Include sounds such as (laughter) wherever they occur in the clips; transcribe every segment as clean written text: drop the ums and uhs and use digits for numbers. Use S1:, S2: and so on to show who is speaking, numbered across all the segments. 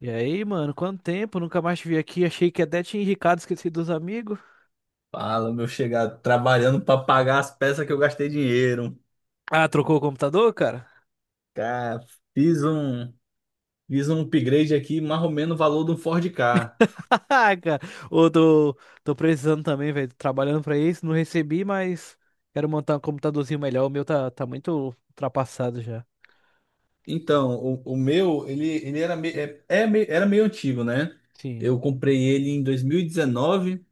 S1: E aí, mano, quanto tempo? Nunca mais te vi aqui. Achei que até tinha enricado, esqueci dos amigos.
S2: Fala, meu chegado, trabalhando para pagar as peças que eu gastei dinheiro.
S1: Ah, trocou o computador, cara?
S2: Cara, fiz um, fiz um upgrade aqui, mais ou menos o valor de um Ford Ka.
S1: (laughs) Ah, cara, ô, tô precisando também, velho. Tô trabalhando pra isso, não recebi, mas quero montar um computadorzinho melhor. O meu tá muito ultrapassado já.
S2: Então, o meu, ele era, me- é, é me- era meio antigo, né?
S1: Sim,
S2: Eu comprei ele em 2019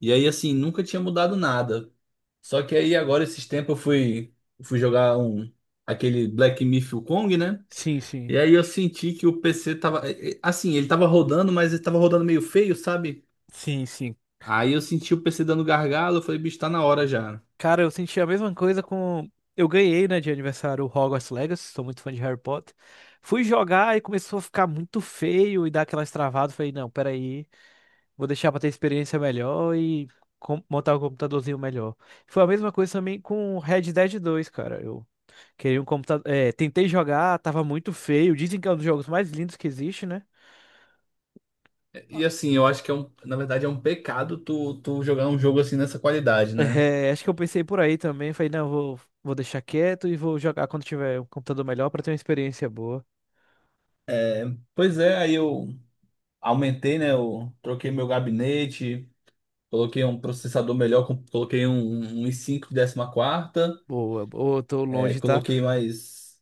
S2: e aí, assim, nunca tinha mudado nada. Só que aí, agora, esses tempos, fui jogar aquele Black Myth Wukong, né?
S1: sim, sim.
S2: E aí eu senti que o PC tava, assim, ele tava rodando, mas ele tava rodando meio feio, sabe?
S1: Sim, sim.
S2: Aí eu senti o PC dando gargalo, eu falei, bicho, tá na hora já.
S1: Cara, eu senti a mesma coisa com. Eu ganhei, né, de aniversário o Hogwarts Legacy, sou muito fã de Harry Potter. Fui jogar e começou a ficar muito feio e dar aquelas travadas. Falei, não, peraí. Vou deixar pra ter experiência melhor e montar um computadorzinho melhor. Foi a mesma coisa também com Red Dead 2, cara. Eu queria um computador. É, tentei jogar, tava muito feio. Dizem que é um dos jogos mais lindos que existe, né? (laughs)
S2: E assim, eu acho que é um, na verdade é um pecado tu jogar um jogo assim nessa qualidade, né?
S1: É, acho que eu pensei por aí também. Falei, não, vou deixar quieto e vou jogar quando tiver um computador melhor pra ter uma experiência boa.
S2: Pois é, aí eu aumentei, né? Eu troquei meu gabinete, coloquei um processador melhor, coloquei um i5 de 14ª,
S1: Boa, boa, tô
S2: é,
S1: longe, tá?
S2: coloquei mais,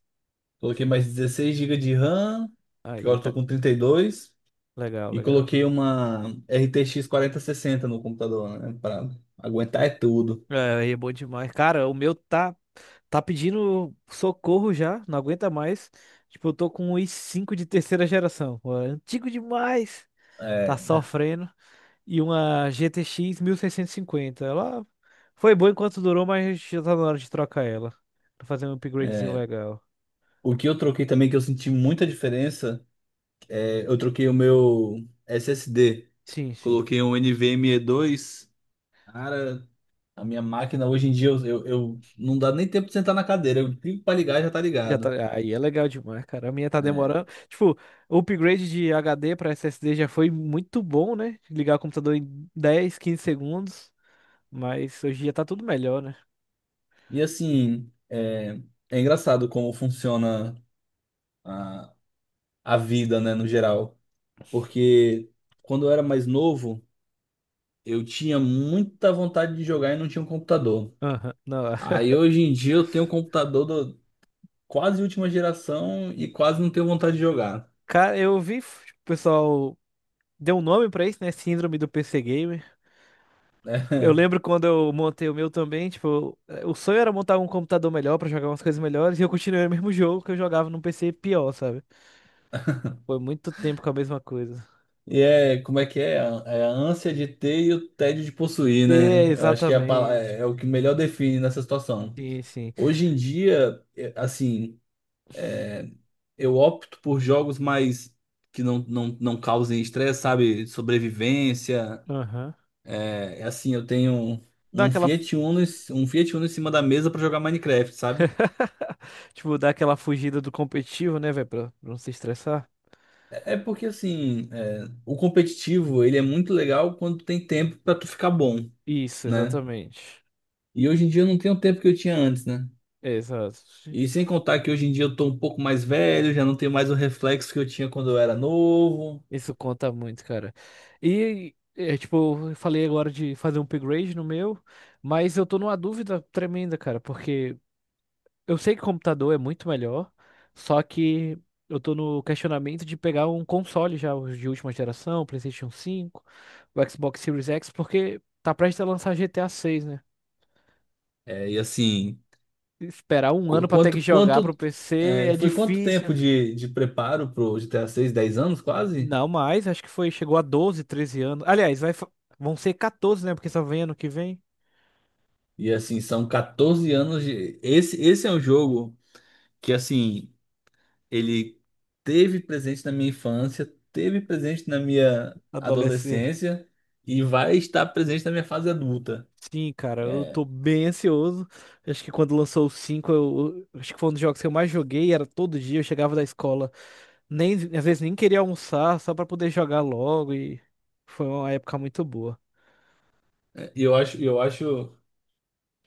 S2: coloquei mais 16 GB de RAM, que
S1: Aí,
S2: agora eu tô
S1: tá.
S2: com 32,
S1: Legal,
S2: e
S1: legal.
S2: coloquei uma RTX 60 no computador, né? Pra aguentar é tudo.
S1: É, é bom demais. Cara, o meu tá pedindo socorro já, não aguenta mais. Tipo, eu tô com um i5 de terceira geração. Pô, é antigo demais. Tá
S2: É.
S1: sofrendo. E uma GTX cinquenta, ela foi boa enquanto durou, mas já tá na hora de trocar ela. Pra fazer um upgradezinho legal.
S2: O que eu troquei também, que eu senti muita diferença, é, eu troquei o meu SSD.
S1: Sim, sim.
S2: Coloquei um NVMe 2. Cara, a minha máquina hoje em dia, não dá nem tempo de sentar na cadeira. Eu clico pra ligar e já tá
S1: Já
S2: ligado.
S1: tá, aí é legal demais, cara. A minha tá
S2: É.
S1: demorando. Tipo, o upgrade de HD pra SSD já foi muito bom, né? Ligar o computador em 10, 15 segundos. Mas hoje em dia tá tudo melhor, né?
S2: E assim, é é engraçado como funciona a, a vida, né, no geral. Porque quando eu era mais novo, eu tinha muita vontade de jogar e não tinha um computador.
S1: Aham, não, é.
S2: Aí hoje em dia eu tenho um computador quase última geração e quase não tenho vontade de jogar,
S1: Cara, eu vi, o pessoal deu um nome pra isso, né? Síndrome do PC Gamer.
S2: né?
S1: Eu
S2: (laughs)
S1: lembro quando eu montei o meu também, tipo, o sonho era montar um computador melhor pra jogar umas coisas melhores e eu continuei o mesmo jogo que eu jogava num PC pior, sabe? Foi muito tempo com a mesma coisa.
S2: E é, como é que é? É a ânsia de ter e o tédio de possuir,
S1: É,
S2: né? Eu acho que é, a pala-
S1: exatamente.
S2: é é o que melhor define nessa situação.
S1: Sim, sim.
S2: Hoje em dia, é, assim, eu opto por jogos mais que não causem estresse, sabe? Sobrevivência.
S1: Aham.
S2: É assim, eu tenho um
S1: Dá
S2: um
S1: aquela, fu-
S2: Fiat Uno, um Fiat Uno em cima da mesa para jogar Minecraft, sabe?
S1: tipo, dá aquela fugida do competitivo, né, velho, pra não se estressar.
S2: É porque assim, é, o competitivo ele é muito legal quando tem tempo pra tu ficar bom,
S1: Isso,
S2: né?
S1: exatamente.
S2: E hoje em dia eu não tenho o tempo que eu tinha antes, né?
S1: Exato.
S2: E sem contar que hoje em dia eu tô um pouco mais velho, já não tenho mais o reflexo que eu tinha quando eu era novo.
S1: Isso conta muito, cara. E, é, tipo, eu falei agora de fazer um upgrade no meu, mas eu tô numa dúvida tremenda, cara, porque eu sei que computador é muito melhor, só que eu tô no questionamento de pegar um console já os de última geração, PlayStation 5, o Xbox Series X, porque tá prestes a lançar GTA 6, né?
S2: É, e assim,
S1: Esperar um ano
S2: qu-
S1: pra ter
S2: quanto,
S1: que jogar pro
S2: quanto,
S1: PC é
S2: foi quanto
S1: difícil.
S2: tempo de preparo pro GTA 6, 10 anos quase?
S1: Não mais, acho que foi, chegou a 12, 13 anos. Aliás, vai, vão ser 14, né? Porque só vem ano que vem.
S2: E assim, são 14 anos. De. Esse é um jogo que assim, ele teve presente na minha infância, teve presente na minha
S1: Adolescer.
S2: adolescência e vai estar presente na minha fase adulta.
S1: Sim, cara, eu
S2: É,
S1: tô bem ansioso. Acho que quando lançou o cinco, acho que foi um dos jogos que eu mais joguei, era todo dia, eu chegava da escola, nem às vezes nem queria almoçar, só pra poder jogar logo e foi uma época muito boa.
S2: e eu acho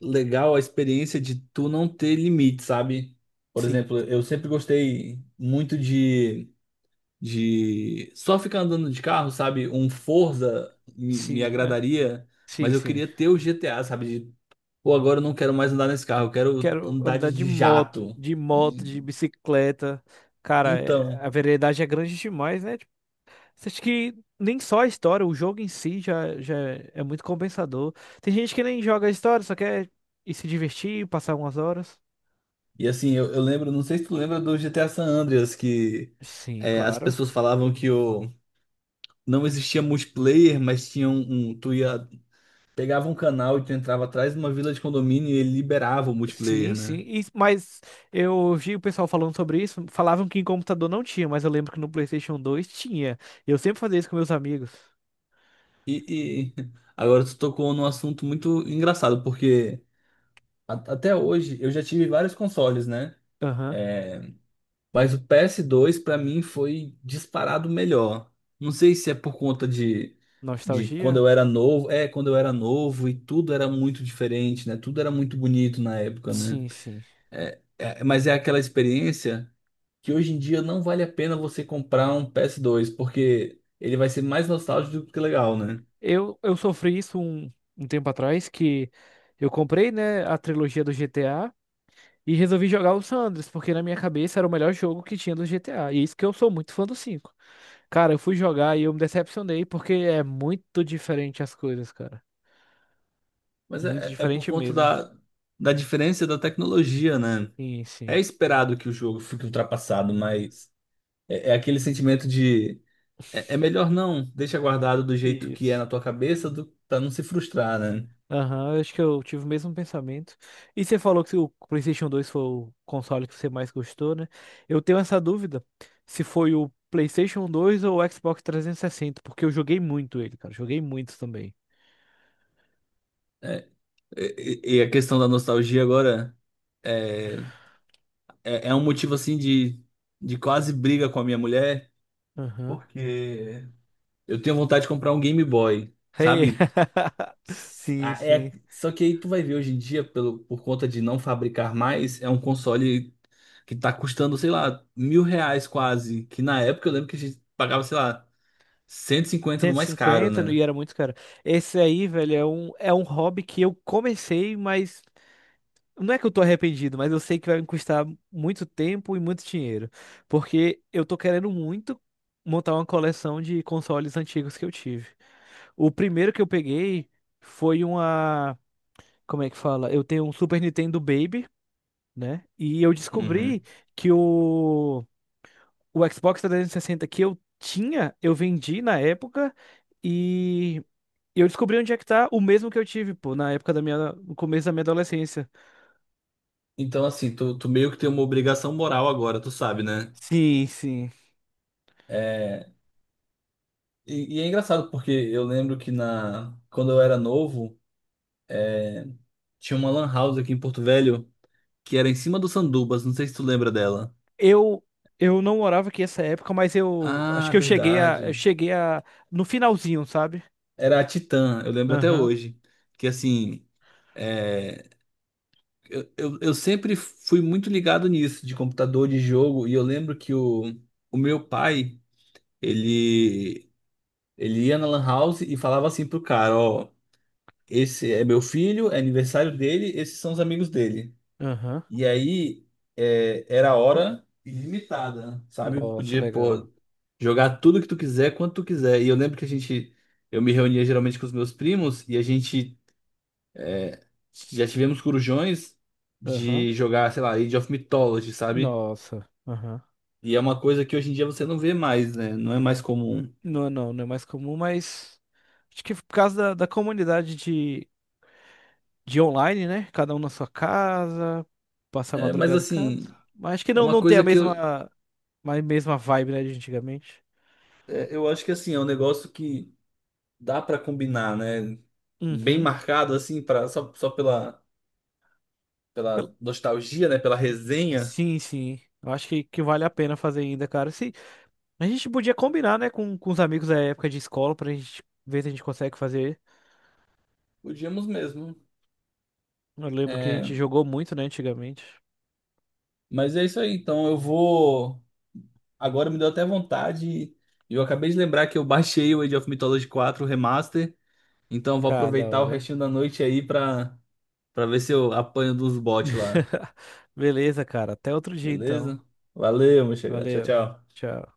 S2: legal a experiência de tu não ter limite, sabe? Por
S1: Sim,
S2: exemplo, eu sempre gostei muito de só ficar andando de carro, sabe? Um Forza me
S1: sim, é,
S2: agradaria,
S1: sim,
S2: mas eu
S1: sim.
S2: queria ter o GTA, sabe? De, pô, agora eu não quero mais andar nesse carro, eu quero
S1: Quero
S2: andar
S1: andar
S2: de
S1: de
S2: de
S1: moto,
S2: jato.
S1: de moto, de bicicleta. Cara,
S2: Então,
S1: a velocidade é grande demais, né? Você acha que nem só a história, o jogo em si já, já é muito compensador. Tem gente que nem joga a história, só quer ir se divertir, passar umas horas.
S2: e assim, eu lembro, não sei se tu lembra do GTA San Andreas, que
S1: Sim,
S2: é, as
S1: claro.
S2: pessoas falavam que não existia multiplayer, mas tinha. Tu ia, pegava um canal e tu entrava atrás de uma vila de condomínio e ele liberava o multiplayer,
S1: Sim, sim.
S2: né?
S1: Mas eu vi o pessoal falando sobre isso. Falavam que em computador não tinha, mas eu lembro que no PlayStation dois tinha. Eu sempre fazia isso com meus amigos.
S2: E (laughs) agora tu tocou num assunto muito engraçado, porque até hoje eu já tive vários consoles, né?
S1: Aham.
S2: É, mas o PS2 pra mim foi disparado melhor. Não sei se é por conta de quando
S1: Nostalgia?
S2: eu era novo, é, quando eu era novo e tudo era muito diferente, né? Tudo era muito bonito na época, né?
S1: Sim, sim.
S2: Mas é aquela experiência que hoje em dia não vale a pena você comprar um PS2, porque ele vai ser mais nostálgico do que legal, né?
S1: Eu sofri isso um tempo atrás, que eu comprei, né, a trilogia do GTA. E resolvi jogar o San Andreas, porque na minha cabeça era o melhor jogo que tinha do GTA. E é isso que eu sou muito fã do cinco. Cara, eu fui jogar e eu me decepcionei, porque é muito diferente as coisas, cara.
S2: Mas
S1: Muito
S2: é, é por
S1: diferente
S2: conta
S1: mesmo.
S2: da, da diferença da tecnologia, né?
S1: Sim,
S2: É
S1: sim.
S2: esperado que o jogo fique ultrapassado, mas é aquele sentimento de... É, é melhor não, deixa guardado do jeito que é
S1: Isso.
S2: na tua cabeça, do, pra não se frustrar, né?
S1: Aham, eu acho que eu tive o mesmo pensamento. E você falou que o PlayStation dois foi o console que você mais gostou, né? Eu tenho essa dúvida se foi o PlayStation dois ou o Xbox 360, porque eu joguei muito ele, cara. Joguei muito também.
S2: É, e a questão da nostalgia agora é, é um motivo assim de quase briga com a minha mulher,
S1: Aham.
S2: porque eu tenho vontade de comprar um Game Boy,
S1: Hey.
S2: sabe?
S1: (laughs) Sim,
S2: É,
S1: sim.
S2: só que aí tu vai ver hoje em dia, pelo, por conta de não fabricar mais, é um console que tá custando, sei lá, R$ 1.000 quase. Que na época eu lembro que a gente pagava, sei lá, 150 no mais caro,
S1: 150 e cinquenta, e
S2: né?
S1: era muito caro. Esse aí, velho, é um hobby que eu comecei, mas não é que eu tô arrependido, mas eu sei que vai me custar muito tempo e muito dinheiro. Porque eu tô querendo muito montar uma coleção de consoles antigos que eu tive. O primeiro que eu peguei foi uma. Como é que fala? Eu tenho um Super Nintendo Baby, né? E eu descobri
S2: Uhum.
S1: que o Xbox 360 que eu tinha, eu vendi na época. E e eu descobri onde é que tá o mesmo que eu tive, pô, na época da minha, no começo da minha adolescência.
S2: Então, assim, tu meio que tem uma obrigação moral agora, tu sabe, né?
S1: Sim, sim.
S2: É, e é engraçado porque eu lembro que, na, quando eu era novo, tinha uma lan house aqui em Porto Velho que era em cima do Sandubas, não sei se tu lembra dela.
S1: Eu eu não morava aqui essa época, mas eu acho
S2: Ah,
S1: que eu cheguei a eu
S2: verdade.
S1: cheguei a no finalzinho, sabe?
S2: Era a Titã, eu lembro até
S1: Aham.
S2: hoje. Que assim, é, eu sempre fui muito ligado nisso, de computador, de jogo, e eu lembro que o meu pai, ele, ele ia na lan house e falava assim pro cara: ó, esse é meu filho, é aniversário dele, esses são os amigos dele.
S1: Aham.
S2: E aí é, era hora ilimitada, sabe?
S1: Nossa,
S2: Podia,
S1: legal.
S2: pô, jogar tudo que tu quiser, quanto tu quiser. E eu lembro que a gente, eu me reunia geralmente com os meus primos e a gente já tivemos corujões
S1: Aham.
S2: de jogar, sei lá, Age of Mythology, sabe?
S1: Nossa. Aham.
S2: E é uma coisa que hoje em dia você não vê mais, né? Não é mais comum.
S1: Não, é não, não é mais comum, mas acho que por causa da comunidade de online, né? Cada um na sua casa, passar a
S2: É, mas
S1: madrugada em casa.
S2: assim,
S1: Mas acho que
S2: é
S1: não
S2: uma
S1: não tem a
S2: coisa que eu,
S1: mesma a mesma vibe, né, de antigamente.
S2: é, eu acho que assim, é um negócio que dá pra combinar, né? Bem
S1: Uhum.
S2: marcado assim, para só, só pela
S1: Pel-
S2: pela nostalgia, né, pela resenha,
S1: Sim, sim. Eu acho que vale a pena fazer ainda, cara. Se... A gente podia combinar, né, com os amigos da época de escola pra gente ver se a gente consegue fazer.
S2: podíamos mesmo.
S1: Eu lembro que a gente
S2: É,
S1: jogou muito, né, antigamente.
S2: mas é isso aí, então eu vou agora me deu até vontade e eu acabei de lembrar que eu baixei o Age of Mythology 4 Remaster, então vou
S1: Cara, da
S2: aproveitar o
S1: hora.
S2: restinho da noite aí pra para ver se eu apanho dos bots lá.
S1: (laughs) Beleza, cara. Até outro dia, então.
S2: Beleza? Valeu, meu chegado. Tchau,
S1: Valeu.
S2: tchau.
S1: Tchau.